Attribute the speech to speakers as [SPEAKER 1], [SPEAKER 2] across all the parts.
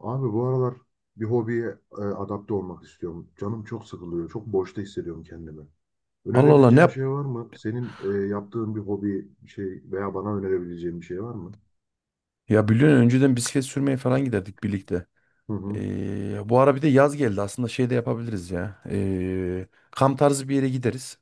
[SPEAKER 1] Abi bu aralar bir hobiye adapte olmak istiyorum. Canım çok sıkılıyor. Çok boşta hissediyorum kendimi.
[SPEAKER 2] Allah Allah ne
[SPEAKER 1] Önerebileceğim bir
[SPEAKER 2] yap?
[SPEAKER 1] şey var mı? Senin yaptığın bir hobi bir şey veya bana önerebileceğin bir şey var mı?
[SPEAKER 2] Ya biliyorsun önceden bisiklet sürmeye falan giderdik birlikte.
[SPEAKER 1] Hı hı.
[SPEAKER 2] Bu ara bir de yaz geldi. Aslında şey de yapabiliriz ya. Kamp tarzı bir yere gideriz.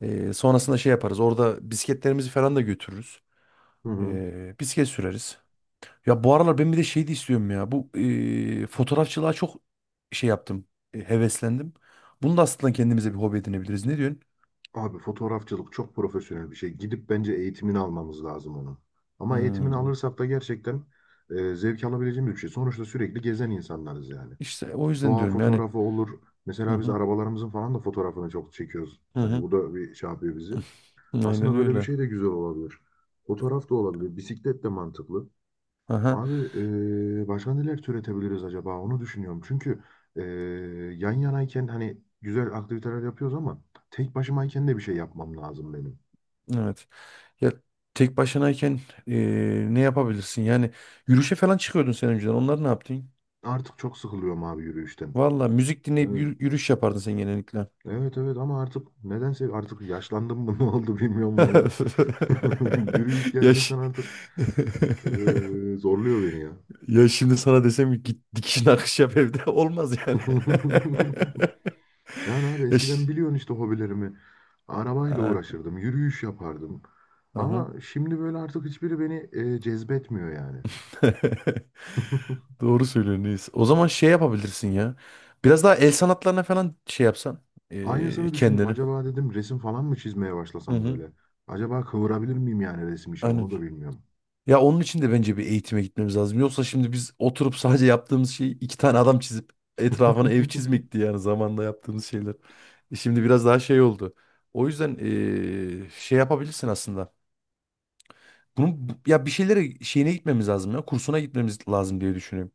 [SPEAKER 2] Sonrasında şey yaparız. Orada bisikletlerimizi falan da götürürüz.
[SPEAKER 1] Hı hı.
[SPEAKER 2] Bisiklet süreriz. Ya bu aralar ben bir de şey de istiyorum ya. Bu fotoğrafçılığa çok şey yaptım. Heveslendim. Bunu da aslında kendimize bir hobi edinebiliriz. Ne diyorsun?
[SPEAKER 1] Abi fotoğrafçılık çok profesyonel bir şey. Gidip bence eğitimini almamız lazım onun. Ama eğitimini
[SPEAKER 2] Hmm.
[SPEAKER 1] alırsak da gerçekten zevk alabileceğimiz bir şey. Sonuçta sürekli gezen insanlarız yani.
[SPEAKER 2] İşte o yüzden
[SPEAKER 1] Doğa
[SPEAKER 2] diyorum yani.
[SPEAKER 1] fotoğrafı olur.
[SPEAKER 2] Hı
[SPEAKER 1] Mesela biz
[SPEAKER 2] hı.
[SPEAKER 1] arabalarımızın falan da fotoğrafını çok çekiyoruz.
[SPEAKER 2] Hı
[SPEAKER 1] Hani
[SPEAKER 2] hı.
[SPEAKER 1] bu da bir şey yapıyor bizi. Aslında
[SPEAKER 2] Aynen
[SPEAKER 1] böyle bir
[SPEAKER 2] öyle.
[SPEAKER 1] şey de güzel olabilir. Fotoğraf da olabilir. Bisiklet de mantıklı.
[SPEAKER 2] Aha.
[SPEAKER 1] Abi başka neler türetebiliriz acaba? Onu düşünüyorum. Çünkü eee, yan yanayken hani güzel aktiviteler yapıyoruz ama tek başımayken de bir şey yapmam lazım benim.
[SPEAKER 2] Evet. Ya tek başınayken ne yapabilirsin? Yani yürüyüşe falan çıkıyordun sen önceden. Onlar ne yaptın?
[SPEAKER 1] Artık çok sıkılıyorum abi yürüyüşten.
[SPEAKER 2] Valla müzik dinleyip
[SPEAKER 1] Evet.
[SPEAKER 2] yürüyüş yapardın sen genellikle.
[SPEAKER 1] Evet, evet, ama artık nedense artık yaşlandım mı ne oldu bilmiyorum valla. Yürüyüş gerçekten
[SPEAKER 2] Yaş.
[SPEAKER 1] artık zorluyor beni ya.
[SPEAKER 2] Ya şimdi sana desem ki git dikişine akış yap evde olmaz yani.
[SPEAKER 1] Yani abi eskiden
[SPEAKER 2] Yaş.
[SPEAKER 1] biliyorsun işte hobilerimi. Arabayla
[SPEAKER 2] Ha,
[SPEAKER 1] uğraşırdım, yürüyüş yapardım.
[SPEAKER 2] aha.
[SPEAKER 1] Ama şimdi böyle artık hiçbiri beni cezbetmiyor yani.
[SPEAKER 2] Doğru söylüyorsun Reis. O zaman şey yapabilirsin ya. Biraz daha el sanatlarına falan şey yapsan
[SPEAKER 1] Aynısını düşündüm.
[SPEAKER 2] kendini.
[SPEAKER 1] Acaba dedim resim falan mı çizmeye
[SPEAKER 2] Hı
[SPEAKER 1] başlasam
[SPEAKER 2] hı.
[SPEAKER 1] böyle? Acaba kıvırabilir miyim yani resim için
[SPEAKER 2] Aynen.
[SPEAKER 1] onu da bilmiyorum.
[SPEAKER 2] Ya onun için de bence bir eğitime gitmemiz lazım. Yoksa şimdi biz oturup sadece yaptığımız şey iki tane adam çizip etrafına ev çizmekti yani zamanla yaptığımız şeyler. Şimdi biraz daha şey oldu. O yüzden şey yapabilirsin aslında. Bunun ya bir şeylere şeyine gitmemiz lazım ya. Kursuna gitmemiz lazım diye düşünüyorum.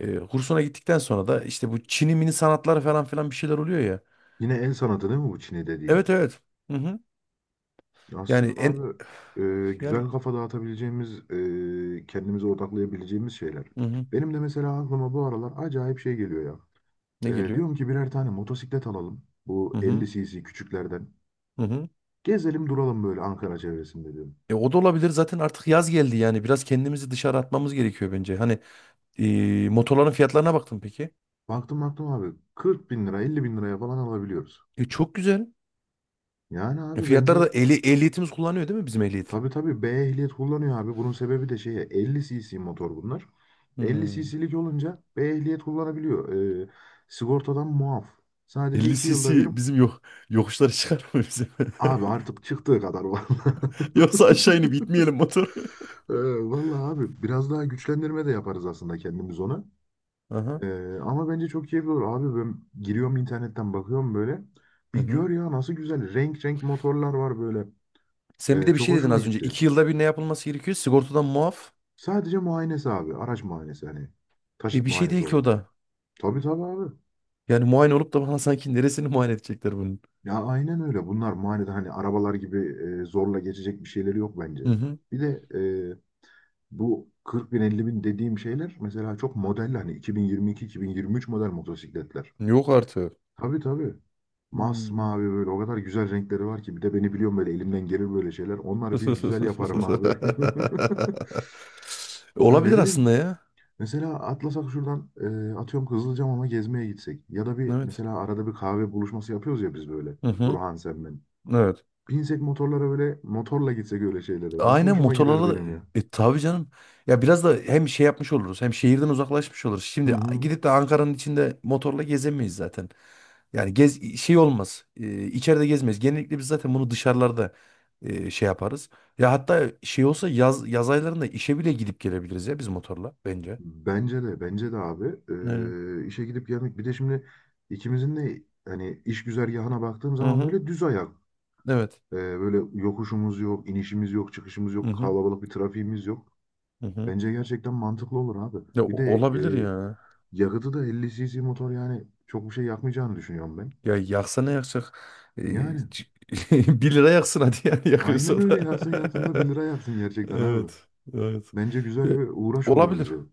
[SPEAKER 2] Kursuna gittikten sonra da işte bu Çin'i mini sanatları falan filan bir şeyler oluyor ya.
[SPEAKER 1] Yine el sanatı değil mi bu Çin'e dediğin?
[SPEAKER 2] Evet, evet. Hı hı.
[SPEAKER 1] Aslında
[SPEAKER 2] Yani en
[SPEAKER 1] abi
[SPEAKER 2] yani.
[SPEAKER 1] güzel kafa dağıtabileceğimiz, kendimize odaklayabileceğimiz şeyler.
[SPEAKER 2] Hı hı.
[SPEAKER 1] Benim de mesela aklıma bu aralar acayip şey geliyor ya.
[SPEAKER 2] Ne
[SPEAKER 1] Ee,
[SPEAKER 2] geliyor?
[SPEAKER 1] diyorum ki birer tane motosiklet alalım.
[SPEAKER 2] Hı
[SPEAKER 1] Bu
[SPEAKER 2] hı.
[SPEAKER 1] 50 cc küçüklerden.
[SPEAKER 2] Hı hı.
[SPEAKER 1] Gezelim duralım böyle Ankara çevresinde diyorum.
[SPEAKER 2] O da olabilir. Zaten artık yaz geldi yani. Biraz kendimizi dışarı atmamız gerekiyor bence. Hani motorların fiyatlarına baktın peki.
[SPEAKER 1] Baktım, baktım abi, 40 bin lira, 50 bin liraya falan alabiliyoruz.
[SPEAKER 2] Çok güzel.
[SPEAKER 1] Yani abi
[SPEAKER 2] Fiyatları da
[SPEAKER 1] bence,
[SPEAKER 2] ehliyetimiz kullanıyor değil mi bizim ehliyet?
[SPEAKER 1] tabii, tabii B ehliyet kullanıyor abi. Bunun sebebi de şeye 50 cc motor bunlar. 50
[SPEAKER 2] Hmm.
[SPEAKER 1] cc'lik olunca B ehliyet kullanabiliyor. Ee, sigortadan muaf. Sadece
[SPEAKER 2] 50
[SPEAKER 1] 2 yılda bir
[SPEAKER 2] cc bizim yok yokuşlara çıkar mı bizim?
[SPEAKER 1] abi artık çıktığı kadar vallahi.
[SPEAKER 2] Yoksa aşağı inip itmeyelim motoru.
[SPEAKER 1] Ee, vallahi abi biraz daha güçlendirme de yaparız aslında kendimiz ona.
[SPEAKER 2] Aha.
[SPEAKER 1] Ama bence çok keyifli olur. Abi ben giriyorum internetten bakıyorum böyle.
[SPEAKER 2] Hı
[SPEAKER 1] Bir
[SPEAKER 2] hı.
[SPEAKER 1] gör ya nasıl güzel. Renk renk motorlar var böyle.
[SPEAKER 2] Sen bir
[SPEAKER 1] Ee,
[SPEAKER 2] de bir
[SPEAKER 1] çok
[SPEAKER 2] şey dedin
[SPEAKER 1] hoşuma
[SPEAKER 2] az önce.
[SPEAKER 1] gitti.
[SPEAKER 2] İki yılda bir ne yapılması gerekiyor? Sigortadan muaf.
[SPEAKER 1] Sadece muayenesi abi. Araç muayenesi hani. Taşıt
[SPEAKER 2] Bir şey
[SPEAKER 1] muayenesi
[SPEAKER 2] değil ki o
[SPEAKER 1] olarak.
[SPEAKER 2] da.
[SPEAKER 1] Tabii, tabii abi.
[SPEAKER 2] Yani muayene olup da bana sanki neresini muayene edecekler bunun.
[SPEAKER 1] Ya aynen öyle. Bunlar muayenede hani arabalar gibi zorla geçecek bir şeyleri yok
[SPEAKER 2] Hı
[SPEAKER 1] bence.
[SPEAKER 2] hı.
[SPEAKER 1] Bir de e, bu 40 bin, 50 bin dediğim şeyler mesela çok model, hani 2022-2023 model motosikletler.
[SPEAKER 2] Yok artık.
[SPEAKER 1] Tabii, tabii. Masmavi
[SPEAKER 2] Hmm.
[SPEAKER 1] böyle, o kadar güzel renkleri var ki. Bir de beni biliyorum, böyle elimden gelir böyle şeyler. Onları bir güzel yaparım abi. Ya ne
[SPEAKER 2] Olabilir
[SPEAKER 1] bileyim.
[SPEAKER 2] aslında ya.
[SPEAKER 1] Mesela atlasak şuradan atıyorum Kızılcamam'a gezmeye gitsek. Ya da bir
[SPEAKER 2] Evet.
[SPEAKER 1] mesela arada bir kahve buluşması yapıyoruz ya biz böyle.
[SPEAKER 2] Hı hı.
[SPEAKER 1] Burhan, sen, ben.
[SPEAKER 2] Evet.
[SPEAKER 1] Binsek motorlara, böyle motorla gitsek öyle şeylere. Nasıl
[SPEAKER 2] Aynen
[SPEAKER 1] hoşuma gider
[SPEAKER 2] motorlara da
[SPEAKER 1] benim ya.
[SPEAKER 2] tabii canım. Ya biraz da hem şey yapmış oluruz hem şehirden uzaklaşmış oluruz.
[SPEAKER 1] Hı
[SPEAKER 2] Şimdi
[SPEAKER 1] hı.
[SPEAKER 2] gidip de Ankara'nın içinde motorla gezemeyiz zaten. Yani gez şey olmaz. İçeride gezmeyiz. Genellikle biz zaten bunu dışarılarda şey yaparız. Ya hatta şey olsa yaz yaz aylarında işe bile gidip gelebiliriz ya biz motorla bence.
[SPEAKER 1] Bence de, bence de abi.
[SPEAKER 2] Aynen.
[SPEAKER 1] E, işe gidip gelmek. Bir de şimdi ikimizin de hani iş güzergahına baktığım
[SPEAKER 2] Hı
[SPEAKER 1] zaman
[SPEAKER 2] hı.
[SPEAKER 1] böyle düz ayak.
[SPEAKER 2] Evet.
[SPEAKER 1] Böyle yokuşumuz yok, inişimiz yok, çıkışımız
[SPEAKER 2] Hı
[SPEAKER 1] yok,
[SPEAKER 2] hı.
[SPEAKER 1] kalabalık bir trafiğimiz yok.
[SPEAKER 2] Hı hı.
[SPEAKER 1] Bence gerçekten mantıklı olur abi.
[SPEAKER 2] Ya,
[SPEAKER 1] Bir de
[SPEAKER 2] olabilir ya.
[SPEAKER 1] yakıtı da, 50 cc motor yani, çok bir şey yakmayacağını düşünüyorum ben.
[SPEAKER 2] Ya yaksa ne yakacak? Ee,
[SPEAKER 1] Yani
[SPEAKER 2] c- bir lira yaksın hadi yani
[SPEAKER 1] aynen
[SPEAKER 2] yakıyorsa
[SPEAKER 1] öyle,
[SPEAKER 2] da.
[SPEAKER 1] yaksın yaksın da 1 lira yaksın gerçekten abi.
[SPEAKER 2] Evet. Evet.
[SPEAKER 1] Bence
[SPEAKER 2] Ee,
[SPEAKER 1] güzel bir uğraş olur
[SPEAKER 2] Olabilir.
[SPEAKER 1] bize.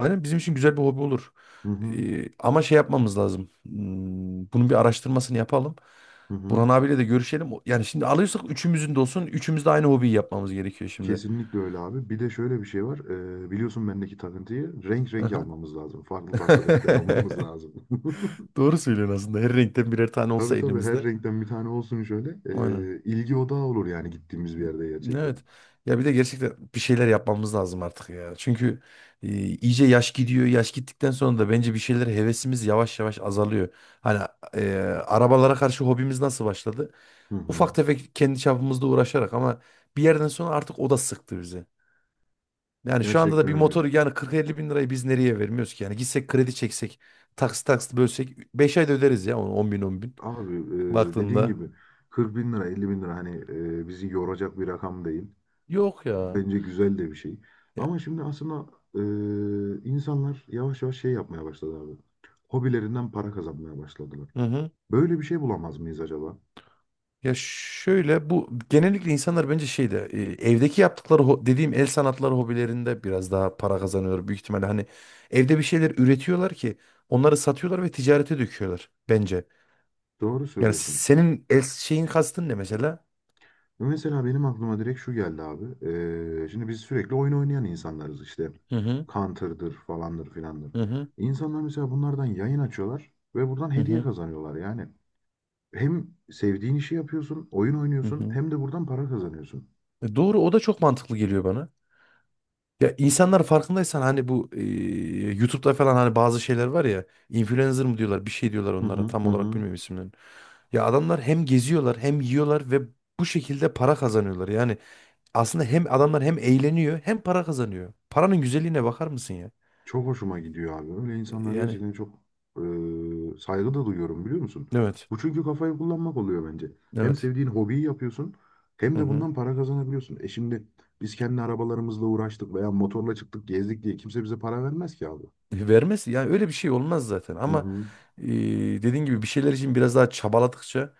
[SPEAKER 2] Aynen bizim için güzel bir hobi olur.
[SPEAKER 1] Hı hı.
[SPEAKER 2] Ama şey yapmamız lazım. Bunun bir araştırmasını yapalım.
[SPEAKER 1] Hı hı.
[SPEAKER 2] Burhan abiyle de görüşelim. Yani şimdi alıyorsak üçümüzün de olsun. Üçümüz de aynı hobiyi yapmamız gerekiyor şimdi.
[SPEAKER 1] Kesinlikle öyle abi. Bir de şöyle bir şey var. Biliyorsun bendeki takıntıyı, renk renk
[SPEAKER 2] Aha.
[SPEAKER 1] almamız lazım. Farklı farklı renkler almamız lazım.
[SPEAKER 2] Doğru söylüyorsun aslında. Her renkten birer tane olsa
[SPEAKER 1] Tabii, tabii her
[SPEAKER 2] elimizde.
[SPEAKER 1] renkten bir tane olsun şöyle.
[SPEAKER 2] Aynen.
[SPEAKER 1] İlgi odağı olur yani gittiğimiz bir yerde gerçekten.
[SPEAKER 2] Evet. Ya bir de gerçekten bir şeyler yapmamız lazım artık ya. Çünkü iyice yaş gidiyor. Yaş gittikten sonra da bence bir şeyler hevesimiz yavaş yavaş azalıyor. Hani e, arabalara karşı hobimiz nasıl başladı?
[SPEAKER 1] Hı hı.
[SPEAKER 2] Ufak tefek kendi çapımızda uğraşarak ama bir yerden sonra artık o da sıktı bizi. Yani şu anda da
[SPEAKER 1] Gerçekten
[SPEAKER 2] bir
[SPEAKER 1] öyle.
[SPEAKER 2] motoru yani 40-50 bin lirayı biz nereye vermiyoruz ki? Yani gitsek kredi çeksek, taksit taksit bölsek 5 ayda öderiz ya onu 10 bin.
[SPEAKER 1] Abi dediğin
[SPEAKER 2] Baktığında
[SPEAKER 1] gibi 40 bin lira, 50 bin lira hani bizi yoracak bir rakam değil.
[SPEAKER 2] yok ya.
[SPEAKER 1] Bence güzel de bir şey.
[SPEAKER 2] Ya,
[SPEAKER 1] Ama şimdi aslında insanlar yavaş yavaş şey yapmaya başladı abi. Hobilerinden para kazanmaya başladılar.
[SPEAKER 2] hı hı.
[SPEAKER 1] Böyle bir şey bulamaz mıyız acaba?
[SPEAKER 2] Ya şöyle bu genellikle insanlar bence şeyde evdeki yaptıkları dediğim el sanatları hobilerinde biraz daha para kazanıyor büyük ihtimalle. Hani evde bir şeyler üretiyorlar ki onları satıyorlar ve ticarete döküyorlar bence.
[SPEAKER 1] Doğru
[SPEAKER 2] Yani
[SPEAKER 1] söylüyorsun.
[SPEAKER 2] senin el şeyin kastın ne mesela?
[SPEAKER 1] Mesela benim aklıma direkt şu geldi abi. Şimdi biz sürekli oyun oynayan insanlarız işte.
[SPEAKER 2] Hı hı,
[SPEAKER 1] Counter'dır, falandır, filandır.
[SPEAKER 2] hı hı,
[SPEAKER 1] İnsanlar mesela bunlardan yayın açıyorlar ve buradan
[SPEAKER 2] hı
[SPEAKER 1] hediye
[SPEAKER 2] hı.
[SPEAKER 1] kazanıyorlar yani. Hem sevdiğin işi yapıyorsun, oyun
[SPEAKER 2] Hı
[SPEAKER 1] oynuyorsun,
[SPEAKER 2] hı.
[SPEAKER 1] hem de buradan para kazanıyorsun.
[SPEAKER 2] Doğru o da çok mantıklı geliyor bana. Ya insanlar farkındaysan hani bu YouTube'da falan hani bazı şeyler var ya influencer mı diyorlar bir şey diyorlar
[SPEAKER 1] Hı
[SPEAKER 2] onlara
[SPEAKER 1] hı,
[SPEAKER 2] tam
[SPEAKER 1] hı
[SPEAKER 2] olarak
[SPEAKER 1] hı.
[SPEAKER 2] bilmiyorum isimlerini. Ya adamlar hem geziyorlar hem yiyorlar ve bu şekilde para kazanıyorlar. Yani aslında hem adamlar hem eğleniyor hem para kazanıyor. Paranın güzelliğine bakar mısın ya?
[SPEAKER 1] Çok hoşuma gidiyor abi. Öyle insanlar
[SPEAKER 2] Yani
[SPEAKER 1] gerçekten çok e, saygı da duyuyorum, biliyor musun?
[SPEAKER 2] evet,
[SPEAKER 1] Bu çünkü kafayı kullanmak oluyor bence. Hem
[SPEAKER 2] evet.
[SPEAKER 1] sevdiğin hobiyi yapıyorsun, hem
[SPEAKER 2] Hı
[SPEAKER 1] de
[SPEAKER 2] hı.
[SPEAKER 1] bundan para kazanabiliyorsun. E şimdi biz kendi arabalarımızla uğraştık veya motorla çıktık gezdik diye kimse bize para vermez ki abi.
[SPEAKER 2] Vermez yani öyle bir şey olmaz zaten
[SPEAKER 1] Hı
[SPEAKER 2] ama
[SPEAKER 1] hı.
[SPEAKER 2] dediğin gibi bir şeyler için biraz daha çabaladıkça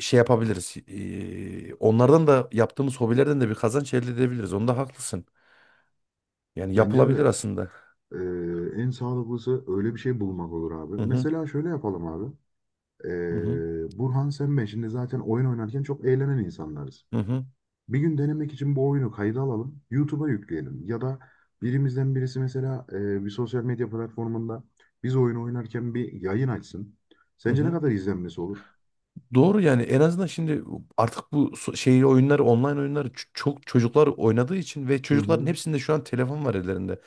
[SPEAKER 2] şey yapabiliriz. Onlardan da yaptığımız hobilerden de bir kazanç elde edebiliriz. Onda haklısın. Yani
[SPEAKER 1] Bence
[SPEAKER 2] yapılabilir
[SPEAKER 1] de
[SPEAKER 2] aslında.
[SPEAKER 1] en sağlıklısı öyle bir şey bulmak olur abi.
[SPEAKER 2] Hı hı.
[SPEAKER 1] Mesela şöyle yapalım abi.
[SPEAKER 2] Hı hı.
[SPEAKER 1] Burhan, sen, ben şimdi zaten oyun oynarken çok eğlenen insanlarız.
[SPEAKER 2] Hı hı.
[SPEAKER 1] Bir gün denemek için bu oyunu kayda alalım, YouTube'a yükleyelim. Ya da birimizden birisi mesela bir sosyal medya platformunda biz oyun oynarken bir yayın açsın.
[SPEAKER 2] Hı
[SPEAKER 1] Sence ne
[SPEAKER 2] hı.
[SPEAKER 1] kadar izlenmesi olur?
[SPEAKER 2] Doğru yani en azından şimdi artık bu şey oyunları online oyunları çok çocuklar oynadığı için ve
[SPEAKER 1] Hı
[SPEAKER 2] çocukların
[SPEAKER 1] hı.
[SPEAKER 2] hepsinde şu an telefon var ellerinde.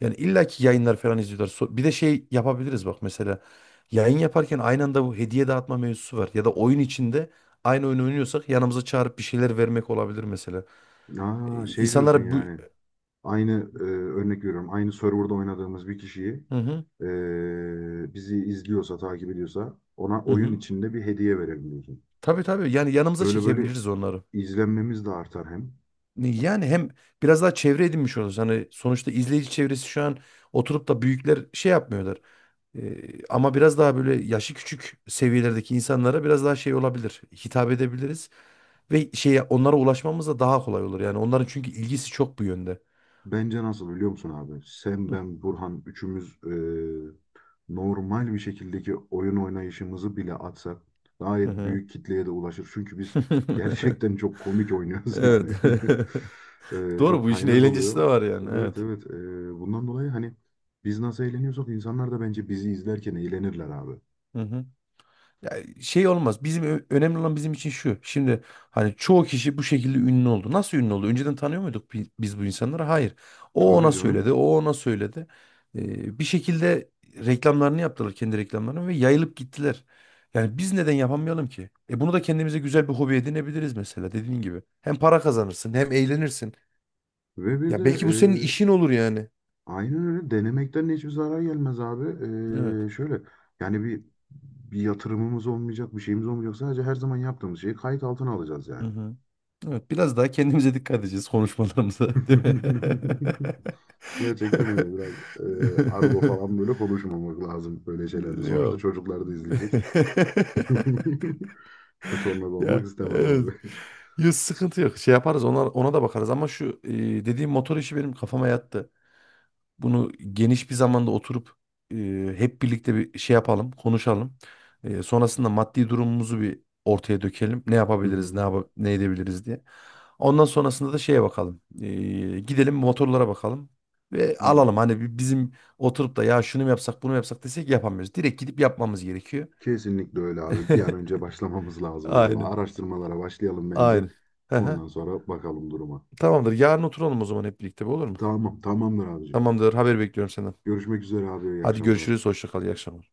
[SPEAKER 2] Yani illaki yayınlar falan izliyorlar. Bir de şey yapabiliriz bak mesela yayın yaparken aynı anda bu hediye dağıtma mevzusu var ya da oyun içinde aynı oyunu oynuyorsak yanımıza çağırıp bir şeyler vermek olabilir mesela.
[SPEAKER 1] Aa, şey diyorsun
[SPEAKER 2] İnsanlara bu.
[SPEAKER 1] yani. Aynı örnek veriyorum. Aynı serverda oynadığımız bir kişiyi
[SPEAKER 2] Hı hı,
[SPEAKER 1] bizi izliyorsa, takip ediyorsa, ona
[SPEAKER 2] hı
[SPEAKER 1] oyun
[SPEAKER 2] hı.
[SPEAKER 1] içinde bir hediye verelim diyorsun.
[SPEAKER 2] Tabii tabii yani yanımıza
[SPEAKER 1] Böyle böyle
[SPEAKER 2] çekebiliriz onları.
[SPEAKER 1] izlenmemiz de artar hem.
[SPEAKER 2] Yani hem biraz daha çevre edinmiş oluruz. Hani sonuçta izleyici çevresi şu an oturup da büyükler şey yapmıyorlar. Ama biraz daha böyle yaşı küçük seviyelerdeki insanlara biraz daha şey olabilir. Hitap edebiliriz ve şeye onlara ulaşmamız da daha kolay olur. Yani onların çünkü ilgisi çok bu yönde.
[SPEAKER 1] Bence nasıl biliyor musun abi? Sen,
[SPEAKER 2] Hı
[SPEAKER 1] ben, Burhan üçümüz normal bir şekildeki oyun oynayışımızı bile atsak
[SPEAKER 2] hı.
[SPEAKER 1] gayet
[SPEAKER 2] Hı.
[SPEAKER 1] büyük kitleye de ulaşır. Çünkü biz gerçekten çok komik oynuyoruz
[SPEAKER 2] Evet.
[SPEAKER 1] yani. E,
[SPEAKER 2] Doğru
[SPEAKER 1] çok
[SPEAKER 2] bu işin
[SPEAKER 1] kaynak
[SPEAKER 2] eğlencesi de
[SPEAKER 1] oluyor.
[SPEAKER 2] var yani.
[SPEAKER 1] Evet,
[SPEAKER 2] Evet.
[SPEAKER 1] evet. Bundan dolayı hani biz nasıl eğleniyorsak, insanlar da bence bizi izlerken eğlenirler abi.
[SPEAKER 2] Hı hı. Ya şey olmaz. Bizim önemli olan bizim için şu. Şimdi hani çoğu kişi bu şekilde ünlü oldu. Nasıl ünlü oldu? Önceden tanıyor muyduk biz bu insanları? Hayır. O
[SPEAKER 1] Tabii
[SPEAKER 2] ona söyledi,
[SPEAKER 1] canım.
[SPEAKER 2] o ona söyledi. Bir şekilde reklamlarını yaptılar, kendi reklamlarını ve yayılıp gittiler. Yani biz neden yapamayalım ki? Bunu da kendimize güzel bir hobi edinebiliriz mesela dediğin gibi. Hem para kazanırsın, hem eğlenirsin.
[SPEAKER 1] Ve bir de
[SPEAKER 2] Ya belki bu senin işin olur yani.
[SPEAKER 1] aynen öyle. Denemekten hiçbir zarar gelmez abi.
[SPEAKER 2] Evet.
[SPEAKER 1] Şöyle yani, bir yatırımımız olmayacak, bir şeyimiz olmayacak. Sadece her zaman yaptığımız şeyi kayıt altına alacağız
[SPEAKER 2] Hı
[SPEAKER 1] yani.
[SPEAKER 2] hı. Evet, biraz daha kendimize dikkat edeceğiz konuşmalarımıza, değil mi?
[SPEAKER 1] Gerçekten öyle, biraz argo falan böyle konuşmamak lazım böyle şeylerde. Sonuçta
[SPEAKER 2] Yok.
[SPEAKER 1] çocuklar da izleyecek. Kötü onlarda olmak
[SPEAKER 2] Ya
[SPEAKER 1] istemem
[SPEAKER 2] evet.
[SPEAKER 1] abi.
[SPEAKER 2] Ya, sıkıntı yok. Şey yaparız ona, ona da bakarız ama şu dediğim motor işi benim kafama yattı. Bunu geniş bir zamanda oturup hep birlikte bir şey yapalım, konuşalım. Sonrasında maddi durumumuzu bir ortaya dökelim. Ne
[SPEAKER 1] Hı
[SPEAKER 2] yapabiliriz,
[SPEAKER 1] hı.
[SPEAKER 2] ne edebiliriz diye. Ondan sonrasında da şeye bakalım. Gidelim motorlara bakalım ve
[SPEAKER 1] Hı.
[SPEAKER 2] alalım. Hani bizim oturup da ya şunu mu yapsak, bunu mu yapsak desek yapamıyoruz. Direkt gidip yapmamız gerekiyor.
[SPEAKER 1] Kesinlikle öyle abi. Bir an önce başlamamız lazım vallahi.
[SPEAKER 2] Aynen,
[SPEAKER 1] Araştırmalara başlayalım bence.
[SPEAKER 2] aynen. Hı hı.
[SPEAKER 1] Ondan sonra bakalım duruma.
[SPEAKER 2] Tamamdır. Yarın oturalım o zaman hep birlikte, bu olur mu?
[SPEAKER 1] Tamam, tamamdır abicim.
[SPEAKER 2] Tamamdır. Haber bekliyorum senden.
[SPEAKER 1] Görüşmek üzere abi. İyi
[SPEAKER 2] Hadi
[SPEAKER 1] akşamlar.
[SPEAKER 2] görüşürüz. Hoşça kal. İyi akşamlar.